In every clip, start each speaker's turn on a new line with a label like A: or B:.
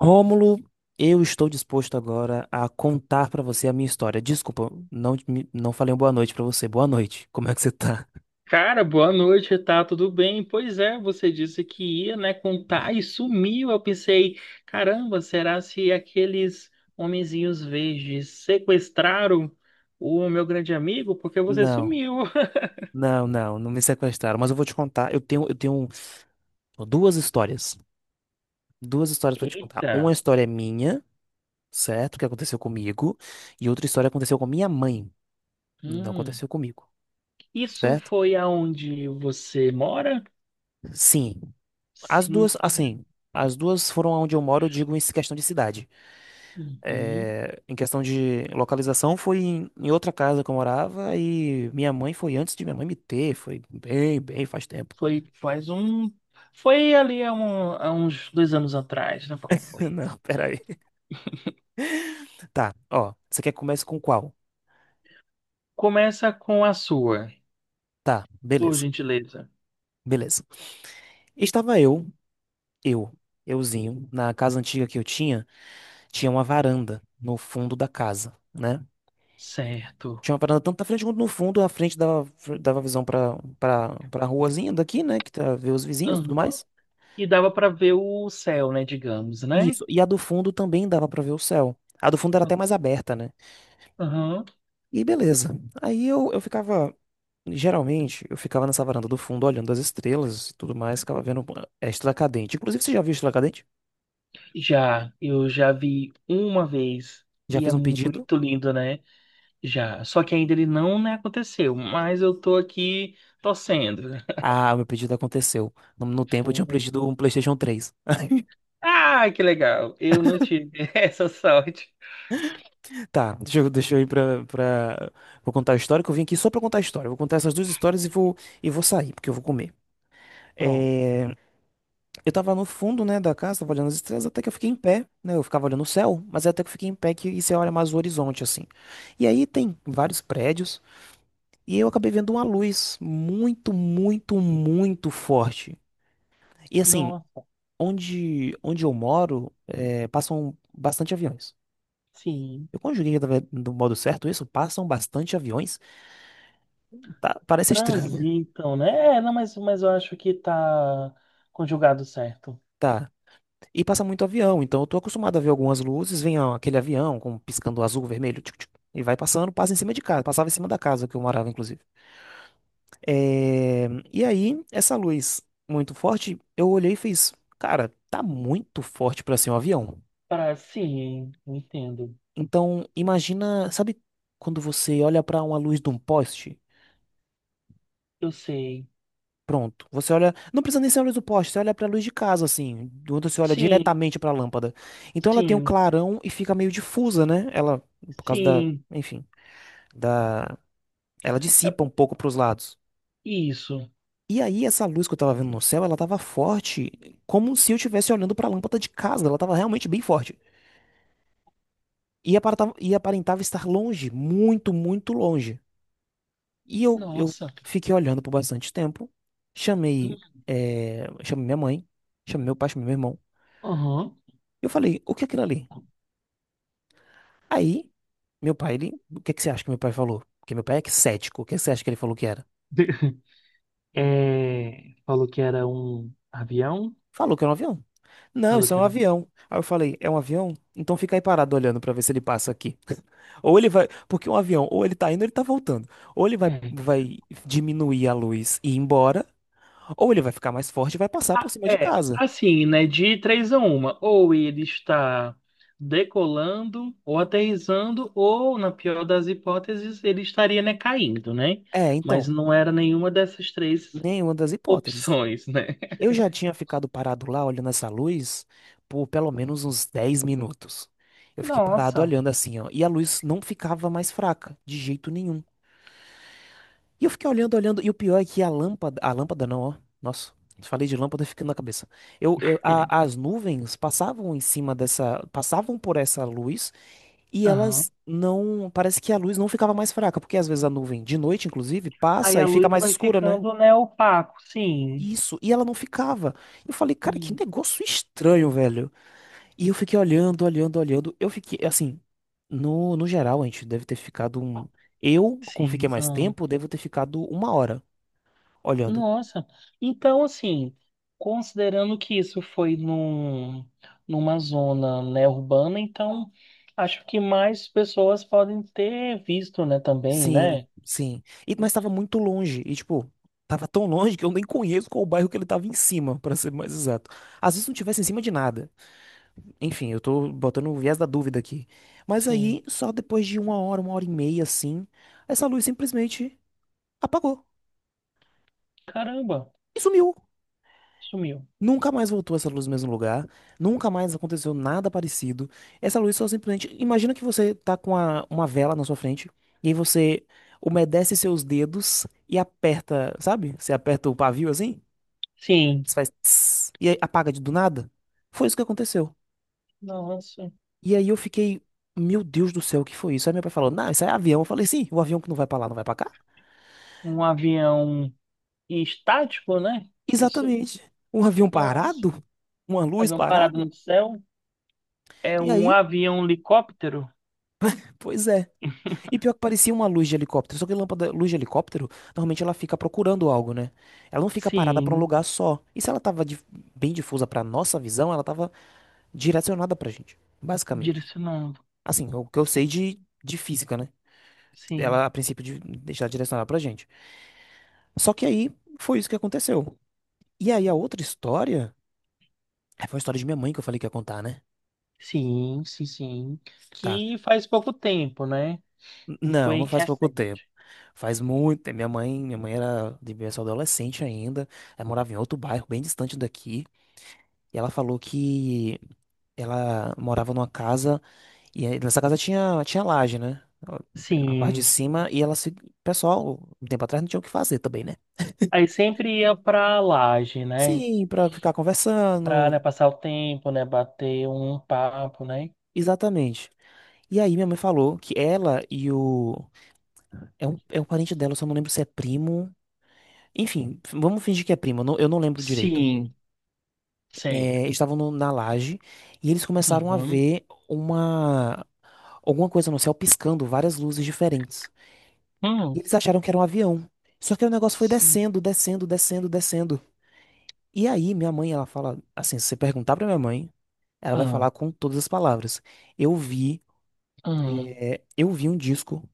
A: Rômulo, eu estou disposto agora a contar pra você a minha história. Desculpa, não, não falei uma boa noite pra você. Boa noite. Como é que você tá?
B: Cara, boa noite, tá tudo bem? Pois é, você disse que ia, né, contar e sumiu. Eu pensei, caramba, será se aqueles homenzinhos verdes sequestraram o meu grande amigo? Porque você
A: Não,
B: sumiu.
A: não, não, não me sequestraram, mas eu vou te contar. Eu tenho duas histórias. Duas histórias pra te contar.
B: Eita.
A: Uma história é minha, certo? Que aconteceu comigo, e outra história aconteceu com minha mãe. Não
B: hum.
A: aconteceu comigo,
B: Isso
A: certo?
B: foi aonde você mora?
A: Sim. As
B: Sim.
A: duas, assim, as duas foram aonde eu moro, eu digo em questão de cidade.
B: Uhum.
A: É, em questão de localização, foi em outra casa que eu morava e minha mãe foi antes de minha mãe me ter. Foi bem, bem faz tempo.
B: Foi faz um. Foi ali há, há uns dois anos atrás, né? Alguma coisa.
A: Não, peraí. Tá, ó. Você quer que comece com qual?
B: Começa com a sua,
A: Tá,
B: por
A: beleza,
B: gentileza.
A: beleza. Estava eu, eu, euzinho, na casa antiga que eu tinha, tinha uma varanda no fundo da casa, né?
B: Certo.
A: Tinha uma varanda tanto na frente quanto no fundo, a frente dava visão pra, pra ruazinha daqui, né? Que tá, vê os vizinhos e tudo
B: Aham.
A: mais.
B: E dava para ver o céu, né, digamos, né?
A: Isso. E a do fundo também dava pra ver o céu. A do fundo era até mais aberta, né?
B: Aham.
A: E beleza. Aí eu ficava. Geralmente, eu ficava nessa varanda do fundo olhando as estrelas e tudo mais, ficava vendo a estrela cadente. Inclusive, você já viu a estrela cadente?
B: Já, eu já vi uma vez
A: Já
B: e é
A: fez um pedido?
B: muito lindo, né? Já. Só que ainda ele não, né, aconteceu, mas eu tô aqui torcendo.
A: Ah, o meu pedido aconteceu. No tempo eu tinha
B: Foi.
A: pedido um PlayStation 3.
B: Ah, que legal. Eu não tive essa sorte.
A: Tá. Deixa eu ir pra, pra. Vou contar a história, que eu vim aqui só pra contar a história. Vou contar essas duas histórias e e vou sair, porque eu vou comer.
B: Pronto.
A: É. Eu tava no fundo, né, da casa, tava olhando as estrelas, até que eu fiquei em pé, né? Eu ficava olhando o céu, mas até que eu fiquei em pé que e você olha mais o horizonte, assim. E aí tem vários prédios, e eu acabei vendo uma luz muito, muito, muito forte. E assim,
B: Não,
A: onde eu moro, é, passam bastante aviões.
B: sim.
A: Eu conjuguei do modo certo isso? Passam bastante aviões? Tá, parece estranho.
B: Transitam, né? É, não, mas eu acho que tá conjugado certo.
A: Tá. E passa muito avião, então eu tô acostumado a ver algumas luzes, vem ó, aquele avião com piscando azul, vermelho, tchuc, tchuc, e vai passando, passa em cima de casa, passava em cima da casa que eu morava, inclusive. É. E aí, essa luz muito forte, eu olhei e fiz, cara, tá muito forte pra ser um avião.
B: Para, sim, entendo.
A: Então, imagina, sabe quando você olha pra uma luz de um poste?
B: Eu sei.
A: Pronto, você olha, não precisa nem ser a luz do poste, você olha pra luz de casa, assim, quando você olha
B: Sim,
A: diretamente pra lâmpada. Então ela tem um
B: sim,
A: clarão e fica meio difusa, né? Ela, por causa da,
B: sim.
A: enfim. Da, ela
B: É-
A: dissipa um pouco para os lados.
B: Isso.
A: E aí essa luz que eu tava vendo no céu, ela tava forte, como se eu estivesse olhando para a lâmpada de casa, ela tava realmente bem forte. E aparentava estar longe, muito, muito longe. E eu
B: Nossa.
A: fiquei olhando por bastante tempo, chamei minha mãe, chamei meu pai, chamei meu irmão.
B: Aham.
A: Eu falei, o que é aquilo ali? Aí, meu pai, o que é que você acha que meu pai falou? Porque meu pai é cético, o que é que você acha que ele falou que era?
B: É, falou que era um avião.
A: Falou que era um avião. Não,
B: Falou
A: isso é
B: que
A: um
B: era um...
A: avião. Aí eu falei, é um avião? Então fica aí parado olhando pra ver se ele passa aqui. Ou ele vai, porque um avião, ou ele tá indo, ou ele tá voltando. Ou ele vai,
B: É.
A: vai diminuir a luz e ir embora, ou ele vai ficar mais forte e vai passar por
B: Ah,
A: cima de
B: é,
A: casa.
B: assim, né? De três a uma. Ou ele está decolando, ou aterrissando, ou, na pior das hipóteses, ele estaria, né, caindo, né?
A: É,
B: Mas
A: então,
B: não era nenhuma dessas três
A: nenhuma das hipóteses.
B: opções, né?
A: Eu já tinha ficado parado lá olhando essa luz por pelo menos uns 10 minutos. Eu fiquei parado
B: Nossa.
A: olhando assim, ó, e a luz não ficava mais fraca, de jeito nenhum. E eu fiquei olhando, olhando, e o pior é que a lâmpada não, ó. Nossa, falei de lâmpada ficando na cabeça. Eu, eu- a- as nuvens passavam em cima dessa, passavam por essa luz e elas
B: Aham.
A: não, parece que a luz não ficava mais fraca, porque às vezes a nuvem de noite, inclusive,
B: Aí
A: passa e
B: a
A: fica
B: luz
A: mais
B: vai
A: escura, né?
B: ficando, né, opaco. Sim.
A: Isso, e ela não ficava. Eu falei, cara, que
B: Hum.
A: negócio estranho, velho. E eu fiquei olhando, olhando, olhando. Eu fiquei, assim, no geral, a gente deve ter ficado um. Eu, como
B: Sim.
A: fiquei mais
B: Ah,
A: tempo, devo ter ficado uma hora olhando.
B: nossa. Então, assim, considerando que numa zona, né, urbana, então acho que mais pessoas podem ter visto, né, também,
A: Sim,
B: né?
A: sim. E, mas tava muito longe. E, tipo, tava tão longe que eu nem conheço qual o bairro que ele tava em cima, pra ser mais exato. Às vezes não tivesse em cima de nada. Enfim, eu tô botando o viés da dúvida aqui. Mas
B: Sim.
A: aí, só depois de uma hora e meia, assim, essa luz simplesmente apagou
B: Caramba,
A: e sumiu.
B: sumiu.
A: Nunca mais voltou essa luz no mesmo lugar, nunca mais aconteceu nada parecido. Essa luz só simplesmente. Imagina que você tá com uma vela na sua frente, e aí você umedece seus dedos e aperta, sabe? Você aperta o pavio assim,
B: Sim.
A: você faz tss, e aí apaga de do nada. Foi isso que aconteceu.
B: Nossa.
A: E aí eu fiquei, meu Deus do céu, o que foi isso? Aí meu pai falou, não, isso é avião. Eu falei, sim, o avião que não vai pra lá, não vai pra cá?
B: Um avião estático, né? Isso.
A: Exatamente. Um avião
B: Nossa.
A: parado? Uma luz
B: Avião parado
A: parada?
B: no céu. É
A: E
B: um
A: aí,
B: avião helicóptero?
A: pois é. E pior que parecia uma luz de helicóptero, só que lâmpada, luz de helicóptero, normalmente ela fica procurando algo, né? Ela não fica parada pra um
B: Sim.
A: lugar só. E se ela tava bem difusa pra nossa visão, ela tava direcionada pra gente, basicamente.
B: Direcionando.
A: Assim, o que eu sei de física, né?
B: Sim.
A: Ela, a princípio, de deixar direcionada pra gente. Só que aí foi isso que aconteceu. E aí a outra história, é, foi a história de minha mãe que eu falei que ia contar, né?
B: Sim, sim, sim.
A: Tá.
B: Que faz pouco tempo, né?
A: Não,
B: Foi
A: não faz pouco tempo.
B: recente.
A: Faz muito tempo. Minha mãe era devia ser adolescente ainda. Ela morava em outro bairro, bem distante daqui. E ela falou que ela morava numa casa e aí nessa casa tinha laje, né? A parte de
B: Sim.
A: cima e ela se, o pessoal, um tempo atrás não tinha o que fazer também, né?
B: Aí sempre ia pra laje, né?
A: Sim, pra ficar
B: Pra,
A: conversando.
B: né, passar o tempo, né? Bater um papo, né?
A: Exatamente. E aí minha mãe falou que ela e o é um parente dela, eu só não lembro se é primo. Enfim, vamos fingir que é primo, eu não lembro direito.
B: Sim. Certo.
A: É, estavam na laje e eles começaram a
B: Aham.
A: ver uma alguma coisa no céu piscando, várias luzes diferentes. E
B: Hum.
A: eles acharam que era um avião. Só que aí o negócio foi
B: Sim.
A: descendo, descendo, descendo, descendo. E aí minha mãe, ela fala assim, se você perguntar pra minha mãe, ela vai
B: Ah,
A: falar com todas as palavras. Eu vi,
B: ah.
A: eu vi um disco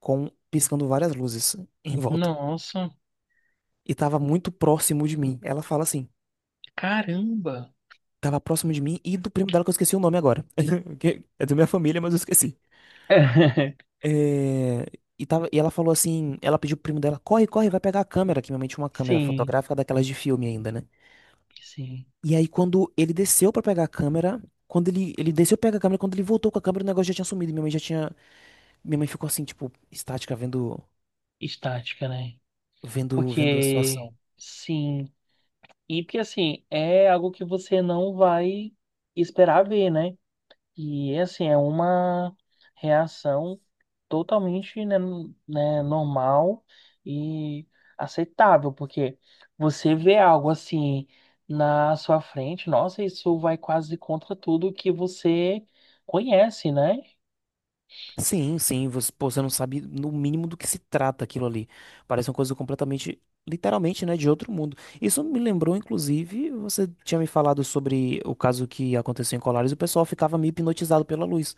A: com piscando várias luzes em volta.
B: Nossa,
A: E tava muito próximo de mim. Ela fala assim,
B: caramba.
A: tava próximo de mim e do primo dela que eu esqueci o nome agora. Que é da minha família, mas eu esqueci. É, e ela falou assim, ela pediu pro primo dela, corre, corre, vai pegar a câmera, que minha mãe tinha uma câmera
B: Sim,
A: fotográfica daquelas de filme ainda, né?
B: sim.
A: E aí quando ele desceu pra pegar a câmera, quando ele desceu pra pegar a câmera, quando ele voltou com a câmera, o negócio já tinha sumido, minha mãe ficou assim, tipo, estática, vendo,
B: Estática, né?
A: vendo, vendo a
B: Porque,
A: situação.
B: sim. E porque assim, é algo que você não vai esperar ver, né? E assim, é uma reação totalmente, né, né, normal e aceitável, porque você vê algo assim na sua frente, nossa, isso vai quase contra tudo que você conhece, né?
A: Sim, sim, você, pô, você não sabe no mínimo do que se trata aquilo ali. Parece uma coisa completamente, literalmente, né, de outro mundo. Isso me lembrou, inclusive, você tinha me falado sobre o caso que aconteceu em Colares, o pessoal ficava meio hipnotizado pela luz.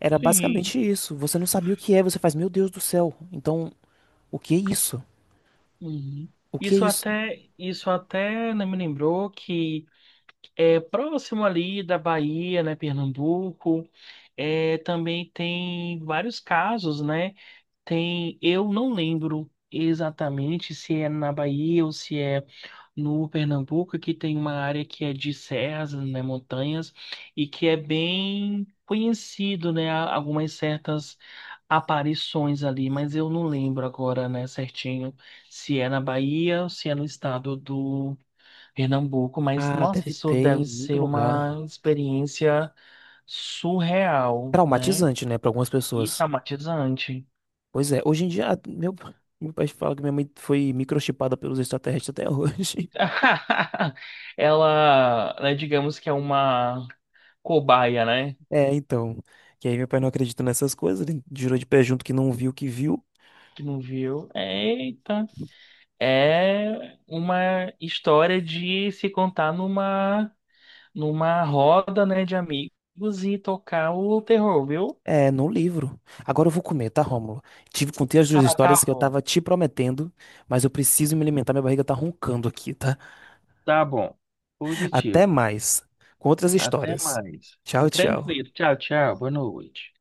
A: Era
B: Sim.
A: basicamente isso. Você não sabia o que é, você faz, meu Deus do céu. Então, o que é isso?
B: Uhum.
A: O que é isso?
B: Isso até né, me lembrou que é, próximo ali da Bahia, né, Pernambuco. É, também tem vários casos, né? Tem, eu não lembro exatamente se é na Bahia ou se é no Pernambuco, que tem uma área que é de serras, né, montanhas, e que é bem conhecido, né, algumas certas aparições ali, mas eu não lembro agora, né, certinho, se é na Bahia ou se é no estado Pernambuco, mas
A: Ah,
B: nossa,
A: deve
B: isso
A: ter em
B: deve
A: muito
B: ser
A: lugar.
B: uma experiência surreal, né?
A: Traumatizante, né, para algumas
B: E
A: pessoas.
B: traumatizante.
A: Pois é, hoje em dia, ah, meu pai fala que minha mãe foi microchipada pelos extraterrestres até hoje.
B: Ela, né, digamos que é uma cobaia, né?
A: É, então. Que aí meu pai não acredita nessas coisas, ele jurou de pé junto que não viu o que viu.
B: Que não viu. Eita. É uma história de se contar numa numa roda, né, de amigos e tocar o terror, viu?
A: É, no livro. Agora eu vou comer, tá, Rômulo? Contei as duas
B: Ah,
A: histórias
B: tá
A: que eu
B: bom.
A: tava te prometendo, mas eu preciso me alimentar, minha barriga tá roncando aqui, tá?
B: Tá bom.
A: Até
B: Positivo.
A: mais. Com outras
B: Até
A: histórias.
B: mais.
A: Tchau, tchau.
B: Tranquilo. Tchau, tchau. Boa noite.